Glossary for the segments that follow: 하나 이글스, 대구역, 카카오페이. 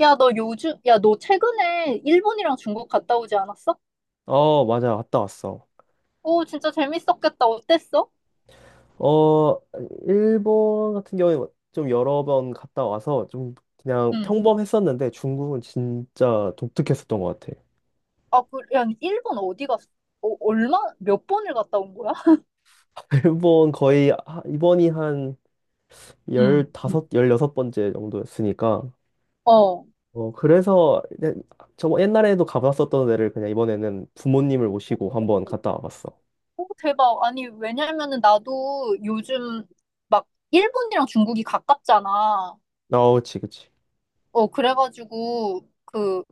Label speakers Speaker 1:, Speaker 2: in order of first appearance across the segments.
Speaker 1: 야, 너 최근에 일본이랑 중국 갔다 오지 않았어?
Speaker 2: 어, 맞아. 갔다 왔어.
Speaker 1: 오, 진짜 재밌었겠다. 어땠어?
Speaker 2: 어, 일본 같은 경우에 뭐 좀 여러 번 갔다 와서 좀 그냥
Speaker 1: 응.
Speaker 2: 평범했었는데 중국은 진짜 독특했었던 것 같아.
Speaker 1: 아, 일본 어디 갔어? 어, 몇 번을 갔다 온 거야?
Speaker 2: 일본 거의 이번이 한
Speaker 1: 응.
Speaker 2: 15, 16번째 정도였으니까.
Speaker 1: 어.
Speaker 2: 어, 그래서 그냥 저 옛날에도 가봤었던 데를 그냥 이번에는 부모님을 모시고 한번 갔다 와봤어.
Speaker 1: 오, 대박. 아니, 왜냐면은 나도 요즘 막 일본이랑 중국이 가깝잖아.
Speaker 2: 어, 그치, 그치.
Speaker 1: 어, 그래가지고, 그,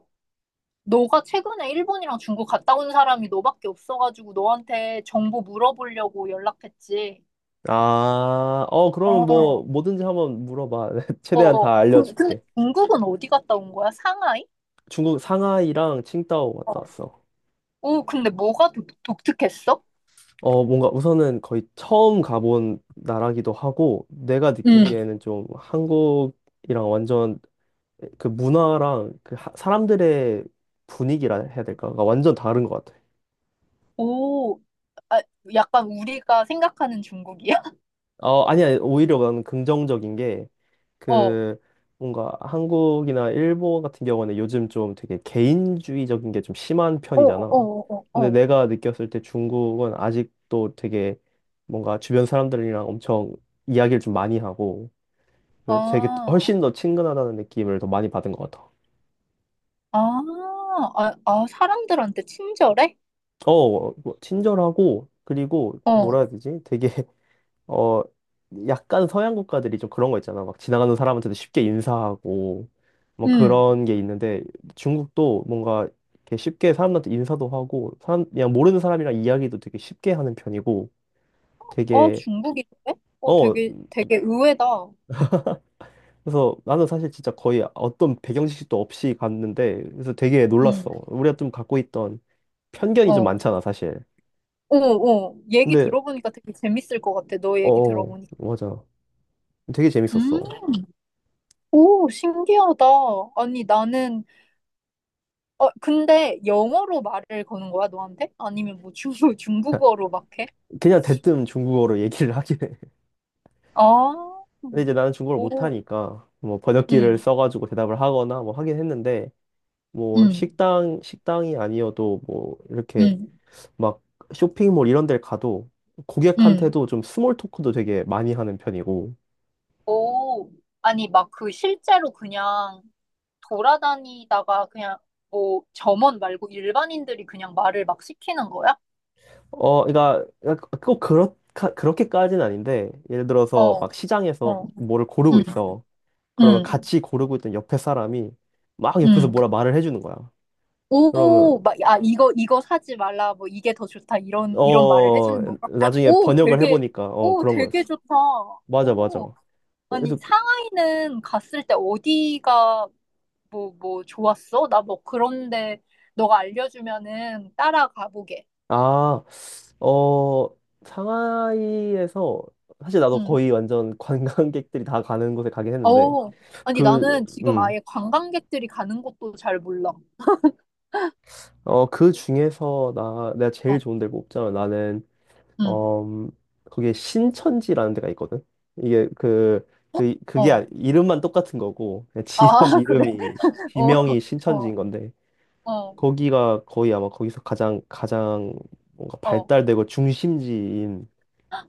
Speaker 1: 너가 최근에 일본이랑 중국 갔다 온 사람이 너밖에 없어가지고 너한테 정보 물어보려고 연락했지.
Speaker 2: 아, 어, 그러면 뭐
Speaker 1: 어.
Speaker 2: 뭐든지 한번 물어봐.
Speaker 1: 어,
Speaker 2: 최대한
Speaker 1: 어.
Speaker 2: 다
Speaker 1: 근데
Speaker 2: 알려줄게.
Speaker 1: 중국은 어디 갔다 온 거야? 상하이?
Speaker 2: 중국 상하이랑 칭다오 갔다
Speaker 1: 어.
Speaker 2: 왔어.
Speaker 1: 오, 근데 뭐가 독, 독특했어?
Speaker 2: 어, 뭔가 우선은 거의 처음 가본 나라기도 하고, 내가
Speaker 1: 응.
Speaker 2: 느끼기에는 좀 한국이랑 완전 그 문화랑 그 사람들의 분위기라 해야 될까? 그러니까 완전 다른 것 같아.
Speaker 1: 오, 아, 약간 우리가 생각하는 중국이야?
Speaker 2: 어, 아니, 아니, 오히려 나는 긍정적인 게,
Speaker 1: 어.
Speaker 2: 그 뭔가 한국이나 일본 같은 경우는 요즘 좀 되게 개인주의적인 게 좀 심한
Speaker 1: 어, 어,
Speaker 2: 편이잖아.
Speaker 1: 어, 어.
Speaker 2: 근데
Speaker 1: 어.
Speaker 2: 내가 느꼈을 때 중국은 아직도 되게 뭔가 주변 사람들이랑 엄청 이야기를 좀 많이 하고 그 되게
Speaker 1: 아,
Speaker 2: 훨씬 더 친근하다는 느낌을 더 많이 받은 것 같아.
Speaker 1: 아, 아, 아, 사람들한테 친절해?
Speaker 2: 어, 뭐 친절하고, 그리고 뭐라
Speaker 1: 어.
Speaker 2: 해야 되지? 되게 어, 약간 서양 국가들이 좀 그런 거 있잖아. 막 지나가는 사람한테도 쉽게 인사하고, 뭐
Speaker 1: 응.
Speaker 2: 그런 게 있는데, 중국도 뭔가 이렇게 쉽게 사람한테 인사도 하고, 그냥 모르는 사람이랑 이야기도 되게 쉽게 하는 편이고,
Speaker 1: 어,
Speaker 2: 되게,
Speaker 1: 중국인데? 어,
Speaker 2: 어,
Speaker 1: 되게, 되게 의외다.
Speaker 2: 그래서 나는 사실 진짜 거의 어떤 배경 지식도 없이 갔는데, 그래서 되게 놀랐어.
Speaker 1: 응.
Speaker 2: 우리가 좀 갖고 있던 편견이 좀
Speaker 1: 어.
Speaker 2: 많잖아, 사실.
Speaker 1: 어, 어. 얘기
Speaker 2: 근데,
Speaker 1: 들어보니까 되게 재밌을 것 같아. 너
Speaker 2: 어,
Speaker 1: 얘기
Speaker 2: 어,
Speaker 1: 들어보니까.
Speaker 2: 맞아. 되게 재밌었어.
Speaker 1: 음. 오, 신기하다. 아니, 나는 어, 근데 영어로 말을 거는 거야, 너한테? 아니면 뭐 중국, 중국어로 막 해?
Speaker 2: 그냥 대뜸 중국어로 얘기를 하긴 해.
Speaker 1: 아,
Speaker 2: 근데 이제 나는 중국어를
Speaker 1: 오,
Speaker 2: 못하니까 뭐 번역기를
Speaker 1: 응,
Speaker 2: 써가지고 대답을 하거나 뭐 하긴 했는데, 뭐
Speaker 1: 응,
Speaker 2: 식당이 아니어도 뭐 이렇게
Speaker 1: 응,
Speaker 2: 막 쇼핑몰 이런 데를 가도
Speaker 1: 응.
Speaker 2: 고객한테도 좀 스몰 토크도 되게 많이 하는 편이고.
Speaker 1: 오, 아니, 막 그 실제로 그냥 돌아다니다가 그냥 뭐 점원 말고 일반인들이 그냥 말을 막 시키는 거야?
Speaker 2: 어, 그러니까 꼭 그렇게까지는 아닌데, 예를 들어서
Speaker 1: 어,
Speaker 2: 막 시장에서
Speaker 1: 어,
Speaker 2: 뭐를
Speaker 1: 응,
Speaker 2: 고르고 있어. 그러면
Speaker 1: 응,
Speaker 2: 같이 고르고 있던 옆에 사람이 막 옆에서 뭐라
Speaker 1: 응.
Speaker 2: 말을 해주는 거야. 그러면
Speaker 1: 오, 막, 아, 이거 사지 말라, 뭐, 이게 더 좋다, 이런 말을
Speaker 2: 어,
Speaker 1: 해주는 건가?
Speaker 2: 나중에
Speaker 1: 오,
Speaker 2: 번역을
Speaker 1: 되게,
Speaker 2: 해보니까 어,
Speaker 1: 오,
Speaker 2: 그런
Speaker 1: 되게
Speaker 2: 거였어.
Speaker 1: 좋다.
Speaker 2: 맞아, 맞아.
Speaker 1: 오, 아니,
Speaker 2: 그래서
Speaker 1: 상하이는 갔을 때 어디가, 뭐, 좋았어? 나 뭐, 그런데, 너가 알려주면은 따라가보게.
Speaker 2: 아, 어, 상하이에서 사실 나도
Speaker 1: 응.
Speaker 2: 거의 완전 관광객들이 다 가는 곳에 가긴 했는데,
Speaker 1: 오, 아니,
Speaker 2: 그
Speaker 1: 나는 지금
Speaker 2: 음,
Speaker 1: 아예 관광객들이 가는 곳도 잘 몰라.
Speaker 2: 어, 그 중에서 나 내가 제일
Speaker 1: 어,
Speaker 2: 좋은 데를 꼽자면 나는
Speaker 1: 응,
Speaker 2: 어, 거기에 신천지라는 데가 있거든. 이게 그 그, 그게
Speaker 1: 어.
Speaker 2: 아니- 이름만 똑같은 거고 그냥
Speaker 1: 아,
Speaker 2: 지역
Speaker 1: 그래?
Speaker 2: 이름이
Speaker 1: 어,
Speaker 2: 지명이 신천지인
Speaker 1: 어,
Speaker 2: 건데.
Speaker 1: 어,
Speaker 2: 거기가 거의 아마 거기서 가장 가장 뭔가
Speaker 1: 어.
Speaker 2: 발달되고 중심지인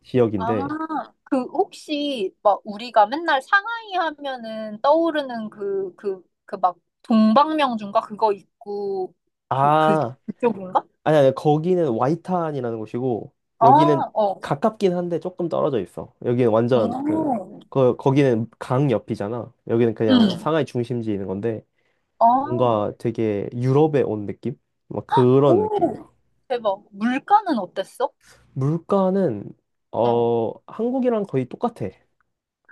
Speaker 2: 지역인데.
Speaker 1: 아, 그 혹시 막 우리가 맨날 상하이 하면은 떠오르는 그 막 동방명주인가 그거 있고 그 그
Speaker 2: 아,
Speaker 1: 그쪽인가?
Speaker 2: 아니, 아니, 거기는 와이탄이라는 곳이고,
Speaker 1: 아,
Speaker 2: 여기는
Speaker 1: 어.
Speaker 2: 가깝긴 한데 조금 떨어져 있어. 여기는 완전 그,
Speaker 1: 오.
Speaker 2: 거기는 강 옆이잖아. 여기는 그냥
Speaker 1: 응.
Speaker 2: 상하이 중심지에 있는 건데,
Speaker 1: 아.
Speaker 2: 뭔가 되게 유럽에 온 느낌? 막 그런 느낌이야.
Speaker 1: 오. 대박. 물가는 어땠어?
Speaker 2: 물가는,
Speaker 1: 어.
Speaker 2: 어, 한국이랑 거의 똑같아.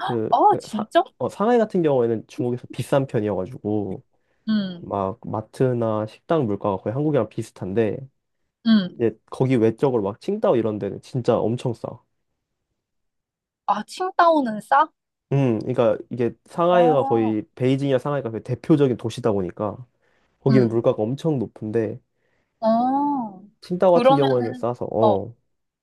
Speaker 2: 그,
Speaker 1: 아,
Speaker 2: 사,
Speaker 1: 진짜?
Speaker 2: 어, 상하이 같은 경우에는 중국에서 비싼 편이어가지고,
Speaker 1: 응.
Speaker 2: 막 마트나 식당 물가가 거의 한국이랑 비슷한데,
Speaker 1: 응.
Speaker 2: 이제 거기 외적으로 막 칭다오 이런 데는 진짜 엄청 싸.
Speaker 1: 아, 칭다오는 싸?
Speaker 2: 그러니까 이게 상하이가
Speaker 1: 아.
Speaker 2: 거의 베이징이나 상하이가 거의 대표적인 도시다 보니까 거기는
Speaker 1: 응.
Speaker 2: 물가가 엄청 높은데
Speaker 1: 어.
Speaker 2: 칭다오 같은 경우에는
Speaker 1: 그러면은
Speaker 2: 싸서
Speaker 1: 어.
Speaker 2: 어.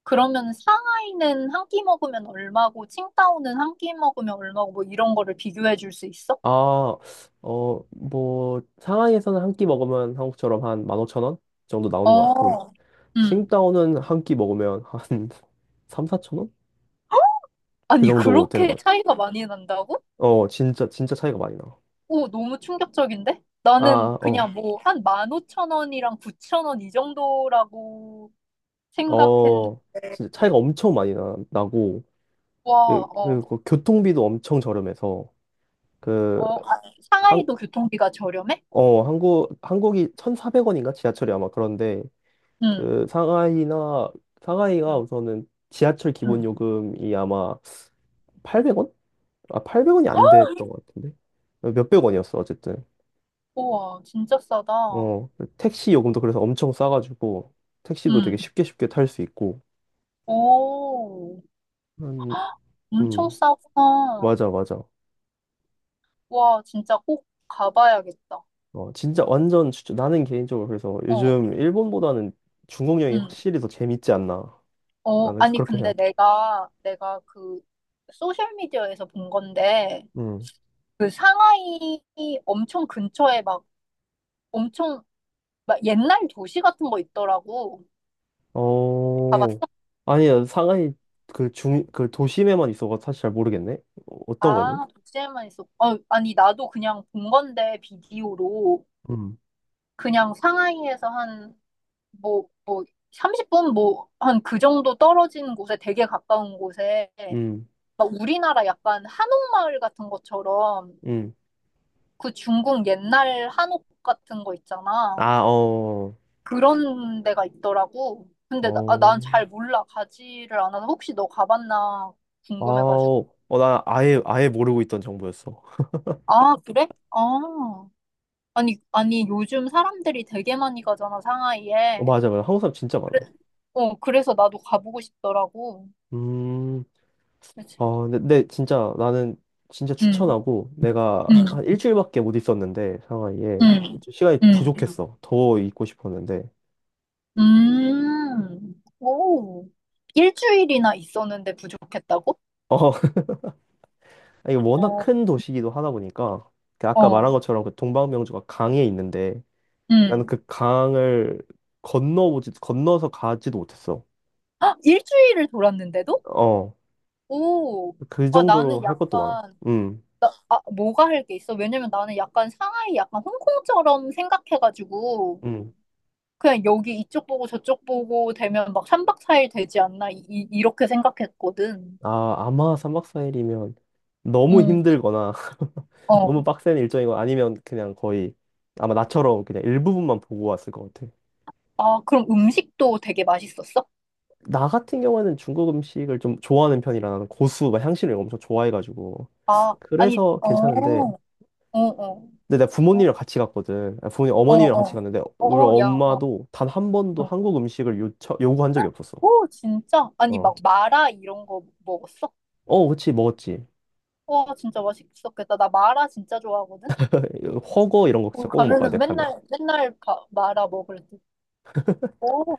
Speaker 1: 그러면 상하이는 한 끼 먹으면 얼마고 칭다오는 한 끼 먹으면 얼마고 뭐 이런 거를 비교해 줄 수 있어?
Speaker 2: 아, 어, 뭐 상하이에서는 한 끼 먹으면 한국처럼 한 15,000원 정도 나오는 것 같고,
Speaker 1: 어. 음.
Speaker 2: 칭다오는 한 끼 먹으면 한 3, 4,000원? 그
Speaker 1: 아니,
Speaker 2: 정도 되는
Speaker 1: 그렇게
Speaker 2: 것 같아.
Speaker 1: 차이가 많이 난다고?
Speaker 2: 어, 진짜 진짜 차이가 많이 나.
Speaker 1: 오, 너무 충격적인데? 나는
Speaker 2: 아, 어.
Speaker 1: 그냥 뭐 한 15,000원이랑 9,000원 이 정도라고 생각했는데.
Speaker 2: 어. 진짜 차이가 엄청 많이 나고, 그,
Speaker 1: 와,
Speaker 2: 그,
Speaker 1: 어,
Speaker 2: 그 교통비도 엄청 저렴해서. 그
Speaker 1: 어, 아,
Speaker 2: 한,
Speaker 1: 상하이도 교통비가 저렴해?
Speaker 2: 어, 한국이 1,400원인가? 지하철이 아마 그런데,
Speaker 1: 응,
Speaker 2: 그, 상하이가
Speaker 1: 응,
Speaker 2: 우선은 지하철 기본
Speaker 1: 응.
Speaker 2: 요금이 아마 800원? 아, 800원이 안 됐던 것 같은데? 몇백 원이었어, 어쨌든.
Speaker 1: 우와, 진짜 싸다.
Speaker 2: 어, 택시 요금도 그래서 엄청 싸가지고, 택시도 되게
Speaker 1: 응.
Speaker 2: 쉽게 쉽게 탈 수 있고,
Speaker 1: 오,
Speaker 2: 음,
Speaker 1: 엄청
Speaker 2: 음,
Speaker 1: 싸구나.
Speaker 2: 맞아, 맞아.
Speaker 1: 와, 진짜 꼭 가봐야겠다.
Speaker 2: 어, 진짜 완전 추천. 나는 개인적으로 그래서
Speaker 1: 어,
Speaker 2: 요즘 일본보다는 중국 여행이
Speaker 1: 응.
Speaker 2: 확실히 더 재밌지 않나.
Speaker 1: 어,
Speaker 2: 나는
Speaker 1: 아니,
Speaker 2: 그렇게
Speaker 1: 근데
Speaker 2: 생각해.
Speaker 1: 내가 그, 소셜미디어에서 본 건데,
Speaker 2: 음.
Speaker 1: 그 상하이 엄청 근처에 막, 엄청, 막 옛날 도시 같은 거 있더라고.
Speaker 2: 어,
Speaker 1: 가봤어?
Speaker 2: 아니야, 상하이 그 그 도심에만 있어가 사실 잘 모르겠네. 어, 어떤 거지?
Speaker 1: 아, 도시에만 있어. 어, 아니, 나도 그냥 본 건데, 비디오로.
Speaker 2: 음.
Speaker 1: 그냥 상하이에서 한, 뭐, 30분, 뭐, 한 그 정도 떨어진 곳에, 되게 가까운 곳에,
Speaker 2: 음,
Speaker 1: 막 우리나라 약간 한옥마을 같은 것처럼
Speaker 2: 음.
Speaker 1: 그 중국 옛날 한옥 같은 거 있잖아.
Speaker 2: 아, 어,
Speaker 1: 그런 데가 있더라고. 근데 나, 아,
Speaker 2: 어,
Speaker 1: 난잘 몰라. 가지를 않아서 혹시 너 가봤나
Speaker 2: 아,
Speaker 1: 궁금해가지고.
Speaker 2: 어, 어, 나 아예, 아예 모르고 있던 정보였어.
Speaker 1: 아, 그래? 아. 아니, 아니, 요즘 사람들이 되게 많이 가잖아,
Speaker 2: 어,
Speaker 1: 상하이에.
Speaker 2: 맞아, 맞아. 한국 사람 진짜 많아.
Speaker 1: 그래, 어, 그래서 나도 가보고 싶더라고.
Speaker 2: 음,
Speaker 1: 그치?
Speaker 2: 아, 근데 진짜 나는 진짜
Speaker 1: 응,
Speaker 2: 추천하고, 내가
Speaker 1: 응,
Speaker 2: 한 일주일밖에 못 있었는데, 상하이에.
Speaker 1: 응,
Speaker 2: 좀 시간이
Speaker 1: 응.
Speaker 2: 부족했어. 더 있고 싶었는데.
Speaker 1: 오, 일주일이나 있었는데 부족했다고?
Speaker 2: 어, 이게 워낙
Speaker 1: 어,
Speaker 2: 큰 도시이기도 하다 보니까 그 아까
Speaker 1: 어,
Speaker 2: 말한 것처럼 그 동방명주가 강에 있는데, 나는
Speaker 1: 음.
Speaker 2: 그 강을 건너보지 건너서 가지도 못했어.
Speaker 1: 아, 일주일을 돌았는데도?
Speaker 2: 어,
Speaker 1: 오,
Speaker 2: 그
Speaker 1: 아,
Speaker 2: 정도로
Speaker 1: 나는
Speaker 2: 할 것도 많아.
Speaker 1: 약간,
Speaker 2: 음,
Speaker 1: 나, 아, 뭐가 할 게 있어? 왜냐면 나는 약간 상하이 약간 홍콩처럼 생각해가지고,
Speaker 2: 음.
Speaker 1: 그냥 여기 이쪽 보고 저쪽 보고 되면 막 삼박사일 되지 않나, 이, 이- 이렇게 생각했거든.
Speaker 2: 아, 아마 3박 4일이면 너무
Speaker 1: 음,
Speaker 2: 힘들거나 너무
Speaker 1: 어.
Speaker 2: 빡센 일정이고, 아니면 그냥 거의 아마 나처럼 그냥 일부분만 보고 왔을 것 같아.
Speaker 1: 아, 그럼 음식도 되게 맛있었어?
Speaker 2: 나 같은 경우에는 중국 음식을 좀 좋아하는 편이라 나는 고수, 막 향신료 이런 거 엄청 좋아해가지고
Speaker 1: 아, 아니,
Speaker 2: 그래서 괜찮은데,
Speaker 1: 어, 어, 어.
Speaker 2: 근데 내가 부모님이랑 같이 갔거든. 아, 부모님
Speaker 1: 어,
Speaker 2: 어머님이랑 같이
Speaker 1: 어.
Speaker 2: 갔는데 우리
Speaker 1: 어, 야, 어.
Speaker 2: 엄마도 단 한 번도
Speaker 1: 어.
Speaker 2: 한국 음식을 요구한 적이 없었어.
Speaker 1: 오, 진짜? 아니,
Speaker 2: 어,
Speaker 1: 막 마라 이런 거 먹었어?
Speaker 2: 어, 그치 먹었지.
Speaker 1: 와, 진짜 맛있었겠다. 나 마라 진짜 좋아하거든?
Speaker 2: 허거 이런 거 진짜
Speaker 1: 거기
Speaker 2: 꼭 먹어야 돼
Speaker 1: 가면은
Speaker 2: 가면.
Speaker 1: 맨날, 맨날 가, 마라 먹을 때. 오,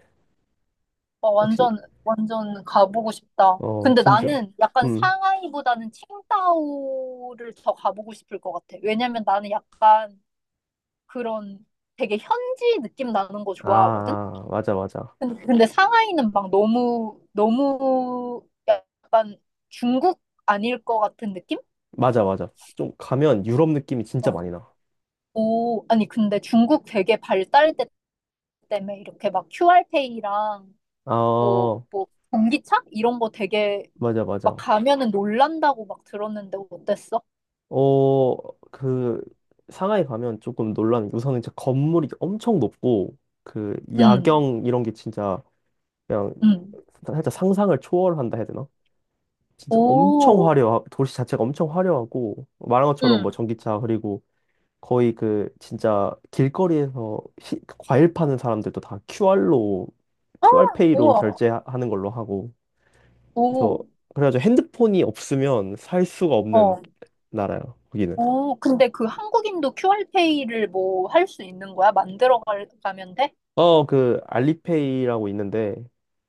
Speaker 1: 와,
Speaker 2: 역시
Speaker 1: 완전, 완전 가보고 싶다.
Speaker 2: 어,
Speaker 1: 근데
Speaker 2: 진짜.
Speaker 1: 나는 약간
Speaker 2: 음.
Speaker 1: 상하이보다는 칭다오를 더 가보고 싶을 것 같아. 왜냐면 나는 약간 그런 되게 현지 느낌 나는 거
Speaker 2: 아
Speaker 1: 좋아하거든?
Speaker 2: 아, 맞아 맞아
Speaker 1: 근데 상하이는 막 너무, 너무 약간 중국 아닐 것 같은 느낌?
Speaker 2: 맞아 맞아. 좀 가면 유럽 느낌이 진짜
Speaker 1: 어,
Speaker 2: 많이 나.
Speaker 1: 오, 아니, 근데 중국 되게 발달됐 때문에 이렇게 막 QR페이랑
Speaker 2: 아,
Speaker 1: 뭐, 전기차? 이런 거 되게
Speaker 2: 맞아
Speaker 1: 막
Speaker 2: 맞아.
Speaker 1: 가면은 놀란다고 막 들었는데 어땠어?
Speaker 2: 어, 그 상하이 가면 조금 놀라는 게, 우선은 진짜 건물이 엄청 높고 그
Speaker 1: 응,
Speaker 2: 야경 이런 게 진짜 그냥
Speaker 1: 응.
Speaker 2: 살짝 상상을 초월한다 해야 되나? 진짜 엄청
Speaker 1: 오,
Speaker 2: 도시 자체가 엄청 화려하고, 말한 것처럼 뭐
Speaker 1: 응.
Speaker 2: 전기차, 그리고 거의 그, 진짜 길거리에서 과일 파는 사람들도 다 QR로,
Speaker 1: 아,
Speaker 2: QR페이로
Speaker 1: 우와.
Speaker 2: 결제하는 걸로 하고, 그래서,
Speaker 1: 오,
Speaker 2: 그래가지고 핸드폰이 없으면 살 수가 없는
Speaker 1: 어.
Speaker 2: 나라야, 거기는.
Speaker 1: 오, 근데 그 한국인도 QR페이를 뭐 할 수 있는 거야? 만들어 갈- 가면 돼?
Speaker 2: 어, 그, 알리페이라고 있는데,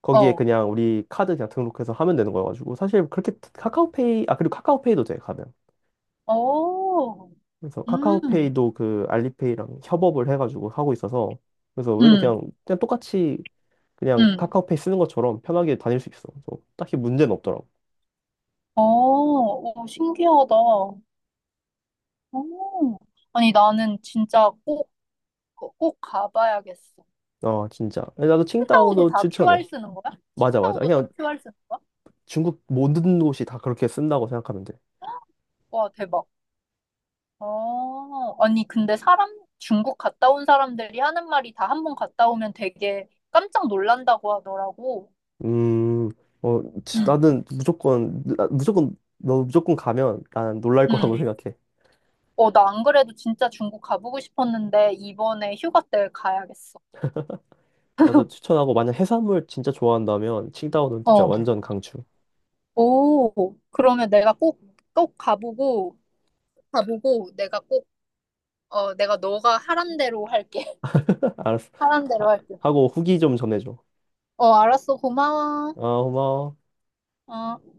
Speaker 2: 거기에
Speaker 1: 어.
Speaker 2: 그냥 우리 카드 그냥 등록해서 하면 되는 거여가지고, 사실 그렇게 그리고 카카오페이도 돼, 가면.
Speaker 1: 오,
Speaker 2: 그래서
Speaker 1: 음,
Speaker 2: 카카오페이도 그 알리페이랑 협업을 해가지고 하고 있어서 그래서 우리도
Speaker 1: 음,
Speaker 2: 그냥 똑같이 그냥
Speaker 1: 음,
Speaker 2: 카카오페이 쓰는 것처럼 편하게 다닐 수 있어. 그래서 딱히 문제는 없더라고.
Speaker 1: 오, 오, 신기하다. 오, 아니, 나는 진짜 꼭, 꼭 가봐야겠어.
Speaker 2: 어, 진짜. 나도
Speaker 1: 칭타오도
Speaker 2: 칭다오도
Speaker 1: 다 QR
Speaker 2: 추천해.
Speaker 1: 쓰는 거야?
Speaker 2: 맞아 맞아.
Speaker 1: 칭타오도 다
Speaker 2: 그냥
Speaker 1: QR 쓰는 거야?
Speaker 2: 중국 모든 곳이 다 그렇게 쓴다고 생각하면 돼.
Speaker 1: 와, 대박. 어, 아니, 중국 갔다 온 사람들이 하는 말이 다 한 번 갔다 오면 되게 깜짝 놀란다고 하더라고.
Speaker 2: 음, 어
Speaker 1: 응,
Speaker 2: 나는 무조건 무조건 너 무조건 가면 난 놀랄 거라고
Speaker 1: 응.
Speaker 2: 생각해.
Speaker 1: 어, 나 안 그래도 진짜 중국 가보고 싶었는데, 이번에 휴가 때 가야겠어.
Speaker 2: 나도 추천하고 만약 해산물 진짜 좋아한다면 칭다오는 진짜
Speaker 1: 어.
Speaker 2: 완전 강추.
Speaker 1: 오, 그러면 내가 꼭, 꼭 가보고, 가보고, 내가 꼭, 어, 내가 너가 하란 대로 할게.
Speaker 2: 알았어.
Speaker 1: 하란
Speaker 2: 아,
Speaker 1: 대로 할게.
Speaker 2: 하고 후기 좀 전해줘.
Speaker 1: 어, 알았어. 고마워.
Speaker 2: 어, 고마워.
Speaker 1: 어.